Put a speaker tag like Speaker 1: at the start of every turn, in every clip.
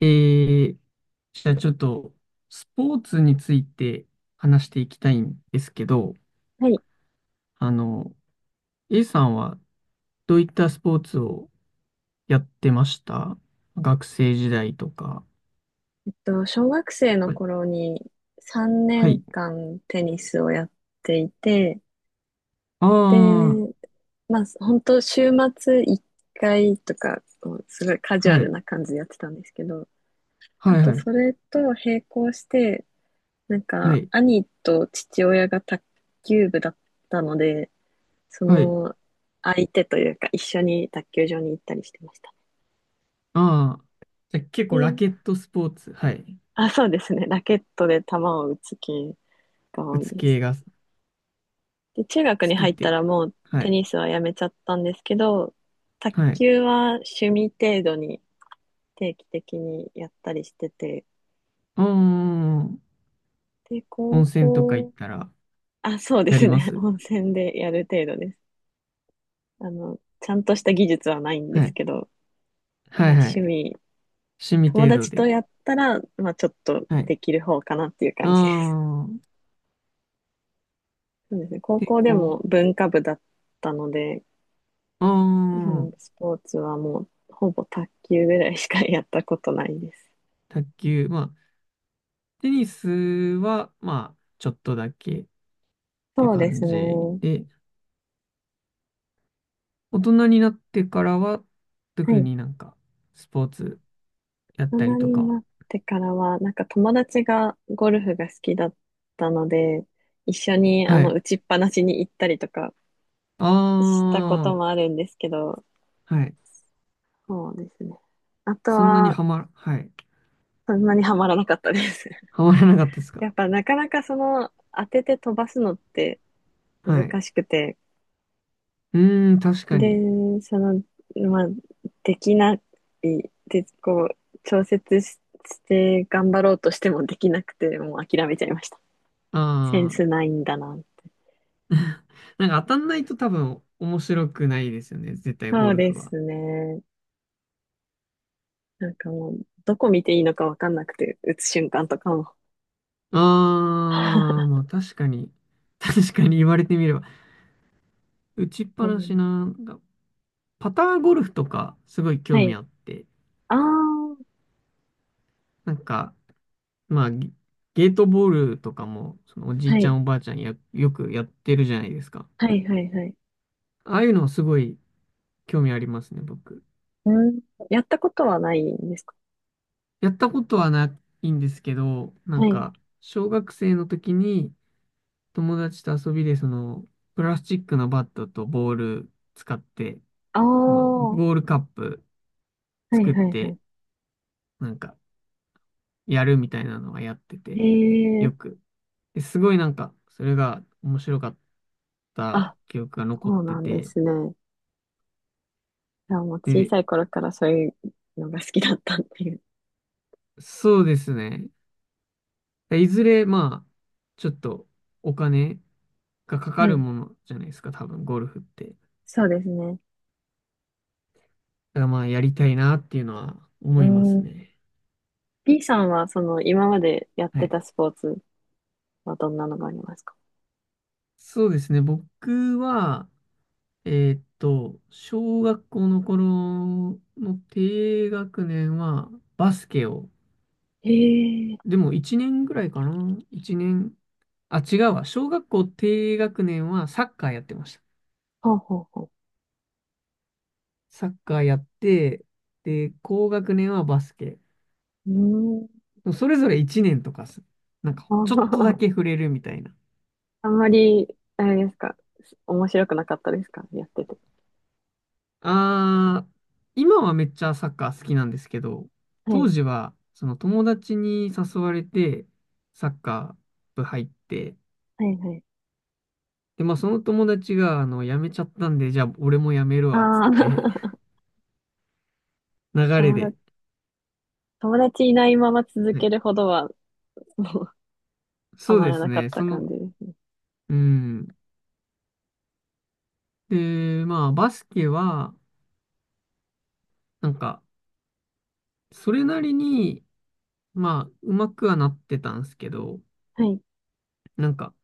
Speaker 1: えー、じゃあちょっと、スポーツについて話していきたいんですけど、
Speaker 2: はい。
Speaker 1: あの、A さんはどういったスポーツをやってました、学生時代とか？
Speaker 2: 小学生の
Speaker 1: はい。
Speaker 2: 頃に3
Speaker 1: は
Speaker 2: 年
Speaker 1: い。
Speaker 2: 間テニスをやっていて、で、
Speaker 1: あ
Speaker 2: まあ、本当週末1回とか、こうすごいカジ
Speaker 1: あ、
Speaker 2: ュア
Speaker 1: は
Speaker 2: ル
Speaker 1: い。
Speaker 2: な感じでやってたんですけど、あ
Speaker 1: はい
Speaker 2: と
Speaker 1: はい。
Speaker 2: それと並行して、なん
Speaker 1: は
Speaker 2: か、
Speaker 1: い。
Speaker 2: 兄と父親が卓球部だったので、そ
Speaker 1: はい。
Speaker 2: の相手というか一緒に卓球場に行ったりしてました。
Speaker 1: ああ。じゃあ結構ラ
Speaker 2: で、
Speaker 1: ケットスポーツ。はい。
Speaker 2: あ、そうですね。ラケットで球を打つ系が
Speaker 1: 打
Speaker 2: 多い
Speaker 1: つ
Speaker 2: です。
Speaker 1: 系が好
Speaker 2: で、中学に
Speaker 1: きっ
Speaker 2: 入った
Speaker 1: て。
Speaker 2: らもう
Speaker 1: は
Speaker 2: テ
Speaker 1: い。
Speaker 2: ニスはやめちゃったんですけど、卓
Speaker 1: はい。
Speaker 2: 球は趣味程度に定期的にやったりしてて、
Speaker 1: ああ、
Speaker 2: で、
Speaker 1: 温
Speaker 2: 高
Speaker 1: 泉とか行っ
Speaker 2: 校、
Speaker 1: たら
Speaker 2: あ、そうで
Speaker 1: や
Speaker 2: す
Speaker 1: りま
Speaker 2: ね。
Speaker 1: す。
Speaker 2: 温泉でやる程度です。ちゃんとした技術はないんで
Speaker 1: は
Speaker 2: す
Speaker 1: い。
Speaker 2: けど、
Speaker 1: は
Speaker 2: ま
Speaker 1: い
Speaker 2: あ
Speaker 1: は
Speaker 2: 趣
Speaker 1: い。
Speaker 2: 味、
Speaker 1: 趣味
Speaker 2: 友
Speaker 1: 程度
Speaker 2: 達と
Speaker 1: で。
Speaker 2: やったら、まあちょっと
Speaker 1: はい。
Speaker 2: できる方かなっていう
Speaker 1: あ
Speaker 2: 感じです。
Speaker 1: あ、
Speaker 2: そうですね。高
Speaker 1: で、
Speaker 2: 校で
Speaker 1: こ
Speaker 2: も文化部だったので、
Speaker 1: う、あ
Speaker 2: そ
Speaker 1: あ、
Speaker 2: のスポーツはもうほぼ卓球ぐらいしかやったことないです。
Speaker 1: 卓球。まあ、テニスは、まあ、ちょっとだけって
Speaker 2: そうで
Speaker 1: 感
Speaker 2: すね。
Speaker 1: じ
Speaker 2: は
Speaker 1: で、大人になってからは、特
Speaker 2: い。
Speaker 1: になんか、スポーツやっ
Speaker 2: 大
Speaker 1: たり
Speaker 2: 人
Speaker 1: とか
Speaker 2: にな
Speaker 1: は。
Speaker 2: ってからは、なんか友達がゴルフが好きだったので、一緒に
Speaker 1: はい。
Speaker 2: 打ちっぱなしに行ったりとか
Speaker 1: あ
Speaker 2: したこともあるんですけど、
Speaker 1: あ、はい。
Speaker 2: そうですね。あと
Speaker 1: そんなに
Speaker 2: は、
Speaker 1: はま、はい。
Speaker 2: そんなにはまらなかったです。
Speaker 1: はまらなかったですか？
Speaker 2: やっぱなかなかその当てて飛ばすのって
Speaker 1: はい。
Speaker 2: 難しくて、
Speaker 1: うーん、確かに。
Speaker 2: で、その、まあ、できない、で、こう、調節して頑張ろうとしてもできなくて、もう諦めちゃいました。セン
Speaker 1: ああ、
Speaker 2: スないんだな。
Speaker 1: なんか当たんないと多分面白くないですよね。絶対
Speaker 2: そ
Speaker 1: ゴ
Speaker 2: う
Speaker 1: ル
Speaker 2: で
Speaker 1: フは。
Speaker 2: すね。なんかもう、どこ見ていいのかわかんなくて、打つ瞬間とかも。
Speaker 1: あー、まあ確かに、確かに言われてみれば、打ちっぱ
Speaker 2: う
Speaker 1: なし
Speaker 2: ん、
Speaker 1: な、なんかパターゴルフとかすごい
Speaker 2: は
Speaker 1: 興味
Speaker 2: い。
Speaker 1: あって、
Speaker 2: ああ、
Speaker 1: なんか、まあ、ゲートボールとかも、そのおじい
Speaker 2: は
Speaker 1: ちゃ
Speaker 2: い。
Speaker 1: んおばあちゃんや、よくやってるじゃないですか。
Speaker 2: はい、はい、はい。
Speaker 1: ああいうのすごい興味ありますね、僕。
Speaker 2: うん。やったことはないんですか？
Speaker 1: やったことはないんですけど、な
Speaker 2: は
Speaker 1: ん
Speaker 2: い。
Speaker 1: か、小学生の時に友達と遊びで、その、プラスチックのバットとボール使って、
Speaker 2: ああ、
Speaker 1: その、
Speaker 2: は
Speaker 1: ゴールカップ
Speaker 2: い、
Speaker 1: 作っ
Speaker 2: はい、は
Speaker 1: て、なんか、やるみたいなのはやってて、
Speaker 2: い。
Speaker 1: よ
Speaker 2: ええ、
Speaker 1: く。ですごいなんか、それが面白かった
Speaker 2: あ、
Speaker 1: 記憶が残っ
Speaker 2: そう
Speaker 1: て
Speaker 2: なんで
Speaker 1: て、
Speaker 2: すね。いや、もう小
Speaker 1: で、
Speaker 2: さい頃からそういうのが好きだったっていう。
Speaker 1: そうですね。いずれ、まあ、ちょっとお金がか
Speaker 2: は
Speaker 1: かる
Speaker 2: い。
Speaker 1: ものじゃないですか、多分、ゴルフって。だ
Speaker 2: そうですね。
Speaker 1: からまあ、やりたいなっていうのは思
Speaker 2: う
Speaker 1: います
Speaker 2: ん。
Speaker 1: ね。
Speaker 2: B さんは、その、今までやっ
Speaker 1: は
Speaker 2: て
Speaker 1: い。
Speaker 2: たスポーツはどんなのがありますか？
Speaker 1: そうですね。僕は、小学校の頃の低学年はバスケを、
Speaker 2: ええ、
Speaker 1: でも1年ぐらいかな。1年。あ、違うわ。小学校低学年はサッカーやってました。
Speaker 2: ほうほうほ
Speaker 1: サッカーやって、で、高学年はバスケ。
Speaker 2: う。うーん。
Speaker 1: それぞれ1年とか。なんか、ちょっとだけ触 れるみたいな。
Speaker 2: あんまり、あれですか、面白くなかったですか、やってて。
Speaker 1: あー、今はめっちゃサッカー好きなんですけど、
Speaker 2: は
Speaker 1: 当
Speaker 2: い。
Speaker 1: 時は、その友達に誘われて、サッカー部入って、
Speaker 2: はいはい。
Speaker 1: で、まあその友達が、辞めちゃったんで、じゃあ俺も辞めるわ、つっ
Speaker 2: あ
Speaker 1: て、
Speaker 2: あ、
Speaker 1: 流 れ
Speaker 2: 友
Speaker 1: で、
Speaker 2: 達、友達いないまま続
Speaker 1: は
Speaker 2: け
Speaker 1: い、
Speaker 2: るほどは、もう、は
Speaker 1: そう
Speaker 2: ま
Speaker 1: で
Speaker 2: ら
Speaker 1: す
Speaker 2: なかっ
Speaker 1: ね。
Speaker 2: た
Speaker 1: そ
Speaker 2: 感
Speaker 1: の、
Speaker 2: じですね。
Speaker 1: うん。で、まあ、バスケは、なんか、それなりに、まあ、うまくはなってたんですけど、
Speaker 2: はい。
Speaker 1: なんか、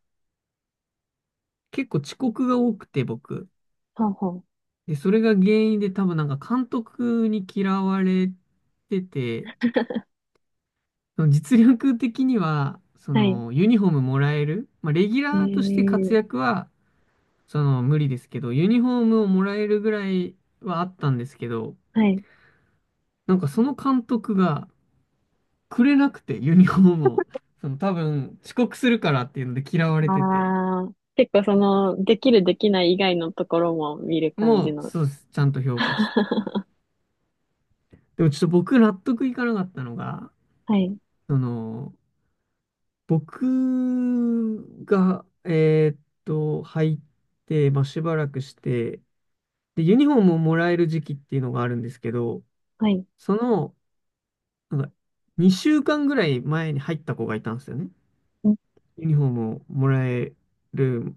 Speaker 1: 結構遅刻が多くて、僕。
Speaker 2: ほうほう。
Speaker 1: で、それが原因で、多分なんか、監督に嫌われてて、その実力的には、そ
Speaker 2: はい。
Speaker 1: の、ユニフォームもらえる、まあ、レギュラーとして活
Speaker 2: ええ、
Speaker 1: 躍は、その、無理ですけど、ユニフォームをもらえるぐらいはあったんですけど、
Speaker 2: はい。
Speaker 1: なんかその監督が、くれなくて、ユニフォームを。その多分、遅刻するからっていうので嫌われ
Speaker 2: あ
Speaker 1: てて、
Speaker 2: あ、結構その、できるできない以外のところも見る感じ
Speaker 1: もう、
Speaker 2: の。
Speaker 1: そうです。ちゃんと 評価して。
Speaker 2: は
Speaker 1: でもちょっと僕納得いかなかったのが、
Speaker 2: い。
Speaker 1: その、僕が、入って、まあ、しばらくして、で、ユニフォームをもらえる時期っていうのがあるんですけど、
Speaker 2: はい。
Speaker 1: その、なんか、2週間ぐらい前に入った子がいたんですよね。
Speaker 2: うん、
Speaker 1: ユニフォームをもらえる、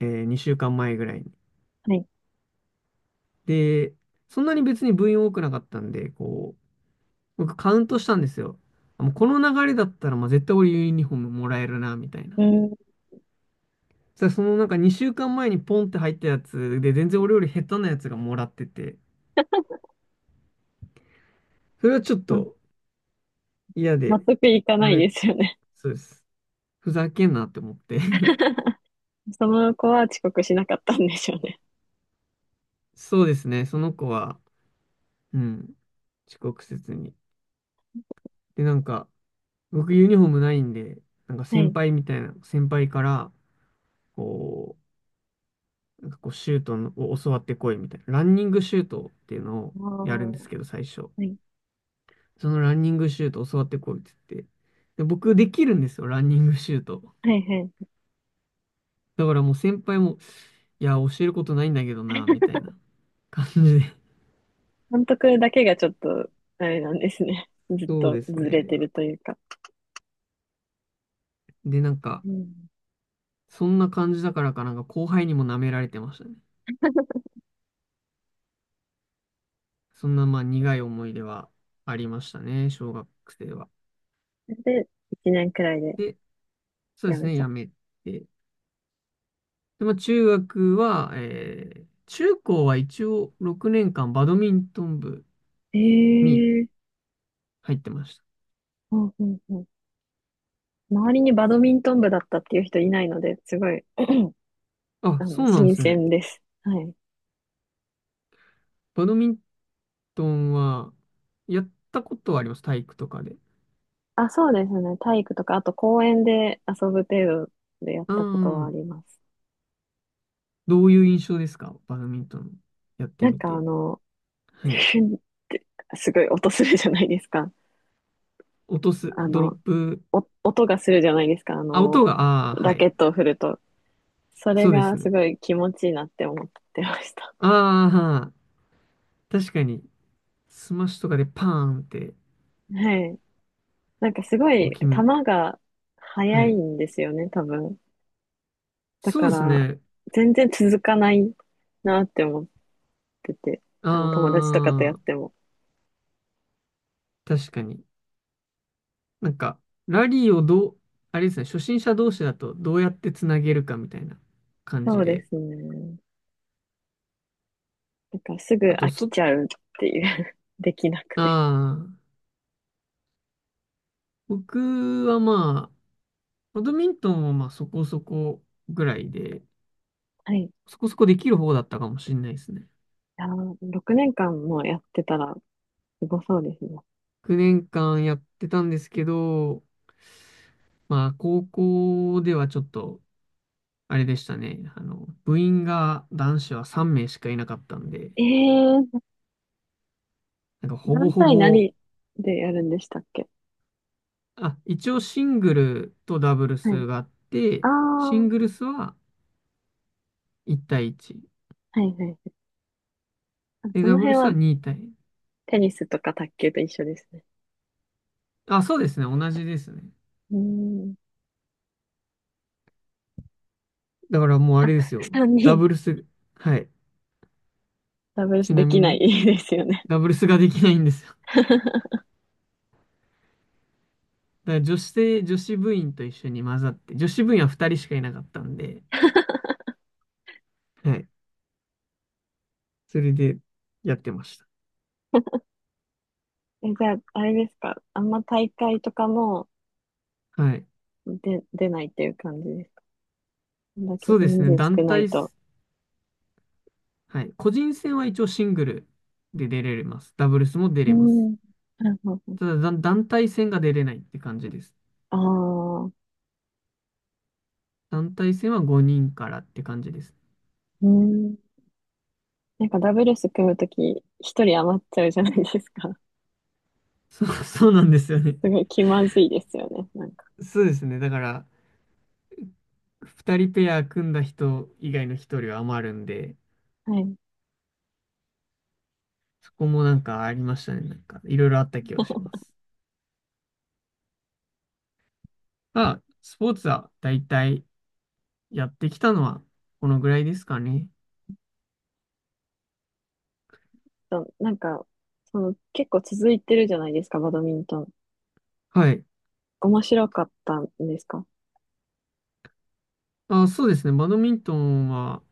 Speaker 1: 2週間前ぐらいに。
Speaker 2: はい。
Speaker 1: で、そんなに別に部員多くなかったんで、こう、僕カウントしたんですよ。もうこの流れだったら、まあ、絶対俺ユニフォームもらえるな、みたいな。
Speaker 2: う
Speaker 1: そしたらそのなんか2週間前にポンって入ったやつで、全然俺より下手なやつがもらってて、それはちょっ
Speaker 2: ん。
Speaker 1: と嫌
Speaker 2: 納
Speaker 1: で、
Speaker 2: 得いかな
Speaker 1: や
Speaker 2: いで
Speaker 1: め、
Speaker 2: すよね。
Speaker 1: そうです。ふざけんなって思って
Speaker 2: その子は遅刻しなかったんでしょうね。
Speaker 1: そうですね、その子は、うん、遅刻せずに。で、なんか、僕ユニフォームないんで、なんか
Speaker 2: は
Speaker 1: 先
Speaker 2: い。
Speaker 1: 輩みたいな、先輩から、こう、なんかこうシュートを教わってこいみたいな。ランニングシュートっていうのをやるんで
Speaker 2: おー、
Speaker 1: すけど、最初。
Speaker 2: はい。
Speaker 1: そのランニングシュート教わってこいって言って。で、僕できるんですよ、ランニングシュート。
Speaker 2: はいはい。
Speaker 1: だからもう先輩も、いや、教えることないんだけどな、みたいな感じで。
Speaker 2: 監督だけがちょっと、あれなんですね。ず っ
Speaker 1: そう
Speaker 2: と
Speaker 1: です
Speaker 2: ずれて
Speaker 1: ね。
Speaker 2: るというか。
Speaker 1: で、なんか、
Speaker 2: うん。
Speaker 1: そんな感じだからかなんか後輩にも舐められてましたね。そんなまあ苦い思い出はありましたね、小学生は。
Speaker 2: それで、1年くらいで
Speaker 1: で、そう
Speaker 2: 辞
Speaker 1: です
Speaker 2: め
Speaker 1: ね、
Speaker 2: ちゃっ
Speaker 1: や
Speaker 2: た。
Speaker 1: めて。で、まあ、中学は、中高は一応6年間バドミントン部
Speaker 2: え
Speaker 1: に
Speaker 2: ー、
Speaker 1: 入ってました。
Speaker 2: ほうんうんうん。周りにバドミントン部だったっていう人いないので、すごい、
Speaker 1: あ、そうなんで
Speaker 2: 新
Speaker 1: すね。
Speaker 2: 鮮です。はい。
Speaker 1: バドミントンは、やったことはあります。体育とかで。
Speaker 2: あ、そうですね。体育とか、あと公園で遊ぶ程度でやっ
Speaker 1: う
Speaker 2: たことはあ
Speaker 1: ん。
Speaker 2: ります。
Speaker 1: どういう印象ですか、バドミントンやって
Speaker 2: なん
Speaker 1: み
Speaker 2: か
Speaker 1: て？はい。
Speaker 2: ヒュンってすごい音するじゃないですか。
Speaker 1: 落とす、
Speaker 2: あ
Speaker 1: ドロッ
Speaker 2: の、
Speaker 1: プ。
Speaker 2: お音がするじゃないですか。
Speaker 1: あ、音が、ああ、は
Speaker 2: ラ
Speaker 1: い。
Speaker 2: ケットを振ると。それ
Speaker 1: そうで
Speaker 2: が
Speaker 1: す
Speaker 2: す
Speaker 1: ね。
Speaker 2: ごい気持ちいいなって思ってました。
Speaker 1: ああ、確かに、スマッシュとかでパーンって
Speaker 2: はい。なんかすご
Speaker 1: こう
Speaker 2: い
Speaker 1: 決め
Speaker 2: 球
Speaker 1: る。
Speaker 2: が速
Speaker 1: は
Speaker 2: い
Speaker 1: い。
Speaker 2: んですよね、多分。だ
Speaker 1: そ
Speaker 2: か
Speaker 1: うです
Speaker 2: ら、
Speaker 1: ね。
Speaker 2: 全然続かないなって思ってて、
Speaker 1: あ
Speaker 2: 友達とかとやっ
Speaker 1: あ、
Speaker 2: ても。
Speaker 1: 確かに。なんか、ラリーをどう、あれですね、初心者同士だとどうやってつなげるかみたいな感
Speaker 2: そ
Speaker 1: じ
Speaker 2: うで
Speaker 1: で。
Speaker 2: すね。なんかすぐ
Speaker 1: あと、
Speaker 2: 飽きちゃうっていう できなく
Speaker 1: あ
Speaker 2: て。
Speaker 1: あ、僕はまあ、バドミントンもまあそこそこぐらいで、
Speaker 2: はい。
Speaker 1: そこそこできる方だったかもしれないですね。
Speaker 2: 6年間もやってたら、すごそうですね。
Speaker 1: 9年間やってたんですけど、まあ、高校ではちょっと、あれでしたね。部員が男子は3名しかいなかったんで、
Speaker 2: ええー、
Speaker 1: なんかほぼ
Speaker 2: 何
Speaker 1: ほ
Speaker 2: 対
Speaker 1: ぼ
Speaker 2: 何でやるんでしたっけ？
Speaker 1: あ、一応シングルとダブル
Speaker 2: はい。
Speaker 1: スがあって、
Speaker 2: ああ、
Speaker 1: シン
Speaker 2: は
Speaker 1: グルスは1対1。
Speaker 2: い、はい、はい。あ、
Speaker 1: で、
Speaker 2: そ
Speaker 1: ダ
Speaker 2: の
Speaker 1: ブル
Speaker 2: 辺
Speaker 1: ス
Speaker 2: は
Speaker 1: は2対。
Speaker 2: テニスとか卓球と一緒ですね。
Speaker 1: あ、そうですね。同じですね。
Speaker 2: うーん。
Speaker 1: だからもうあ
Speaker 2: あ、
Speaker 1: れですよ。
Speaker 2: 3
Speaker 1: ダ
Speaker 2: 人。
Speaker 1: ブルス、はい。
Speaker 2: ダブル
Speaker 1: ち
Speaker 2: スで
Speaker 1: なみ
Speaker 2: きな
Speaker 1: に、
Speaker 2: いですよね。
Speaker 1: ダブルスができないんですよ。だから女子部員と一緒に混ざって、女子部員は2人しかいなかったんで、はい。それでやってました。
Speaker 2: え、じゃあ、あれですか。あんま大会とかも
Speaker 1: はい。
Speaker 2: 出ないっていう感じですか。こんだ
Speaker 1: そ
Speaker 2: け
Speaker 1: うです
Speaker 2: 人
Speaker 1: ね。
Speaker 2: 数
Speaker 1: 団
Speaker 2: 少ない
Speaker 1: 体
Speaker 2: と。
Speaker 1: す、はい。個人戦は一応シングルで出れます。ダブルスも出
Speaker 2: うー
Speaker 1: れます。
Speaker 2: ん。なるほど。
Speaker 1: ただ、団体戦が出れないって感じです。
Speaker 2: ああ、う
Speaker 1: 団体戦は5人からって感じです。
Speaker 2: ーん。なんかダブルス組むとき、一人余っちゃうじゃないですか。
Speaker 1: そう、そうなんですよね。
Speaker 2: すごい気まずいですよね。なんか。
Speaker 1: そうですね。だから、2人ペア組んだ人以外の1人は余るんで、
Speaker 2: はい。
Speaker 1: そこもなんかありましたね。なんか、いろいろあった気はします。まあ、スポーツは大体やってきたのはこのぐらいですかね。
Speaker 2: そうなんか、その、結構続いてるじゃないですか、バドミントン。
Speaker 1: はい。
Speaker 2: 面白かったんですか？
Speaker 1: あ、そうですね。バドミントンは、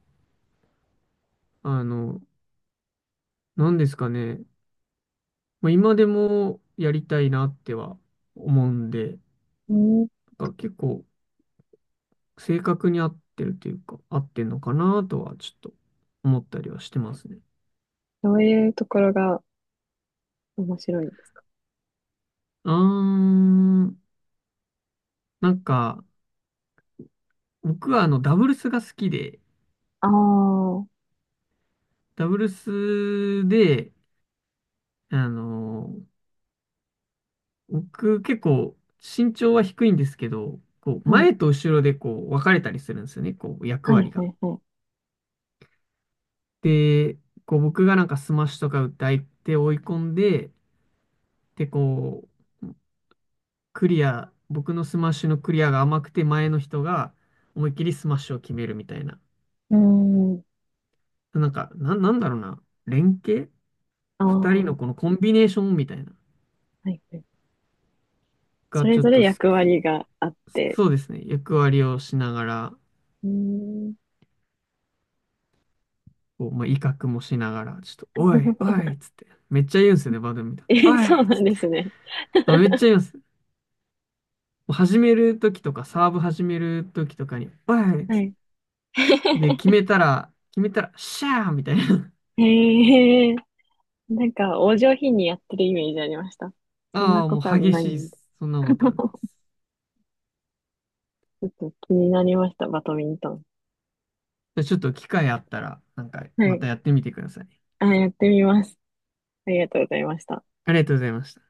Speaker 1: あの、何ですかね。まあ、今でもやりたいなっては思うんで、
Speaker 2: うん。
Speaker 1: なんか結構、正確に合ってるっていうか、合ってんのかなとはちょっと思ったりはしてますね。
Speaker 2: どういうところが面白いんですか？
Speaker 1: うーん、なんか、僕はダブルスが好きで、
Speaker 2: ああー、
Speaker 1: ダブルスで、あのー、僕結構身長は低いんですけど、こう、
Speaker 2: はい。
Speaker 1: 前と後ろでこう、分かれたりするんですよね、こう、役
Speaker 2: は
Speaker 1: 割
Speaker 2: い、は
Speaker 1: が。
Speaker 2: い、はい。
Speaker 1: で、こう、僕がなんかスマッシュとか打って相手を追い込んで、で、こう、クリア、僕のスマッシュのクリアが甘くて前の人が思いっきりスマッシュを決めるみたいな。
Speaker 2: うん。
Speaker 1: なんか、なんだろうな。連携
Speaker 2: ああ、
Speaker 1: 二人の
Speaker 2: は
Speaker 1: このコンビネーションみたいな。
Speaker 2: い、はい。そ
Speaker 1: が
Speaker 2: れ
Speaker 1: ちょっ
Speaker 2: ぞれ
Speaker 1: と好
Speaker 2: 役割
Speaker 1: き。
Speaker 2: があって。
Speaker 1: そうですね。役割をしながら、
Speaker 2: うん。
Speaker 1: こう、まあ、威嚇もしながら、ちょっと、おい、お いっつって。めっちゃ言うんですよね、バドミントン。
Speaker 2: え、
Speaker 1: おいっ
Speaker 2: そうな
Speaker 1: つ
Speaker 2: ん
Speaker 1: っ
Speaker 2: で
Speaker 1: て。
Speaker 2: すね。
Speaker 1: あ、めっ ちゃ言うんです。始めるときとか、サーブ始めるときとかに、おいっ
Speaker 2: は
Speaker 1: つって。
Speaker 2: い。
Speaker 1: で、決めたら、決めたら、シャーみたいな。
Speaker 2: へえ、なんか、お上品にやってるイメージありました。そん
Speaker 1: あ
Speaker 2: な
Speaker 1: あ、
Speaker 2: こ
Speaker 1: も
Speaker 2: とは
Speaker 1: う激
Speaker 2: ない
Speaker 1: しいっ
Speaker 2: んで。
Speaker 1: す。そんなことはないで す。
Speaker 2: 気になりました、バドミントン。
Speaker 1: じゃあちょっと機会あったら、なんか
Speaker 2: は
Speaker 1: ま
Speaker 2: い。
Speaker 1: たやってみてください。
Speaker 2: あ、やってみます。ありがとうございました。
Speaker 1: ありがとうございました。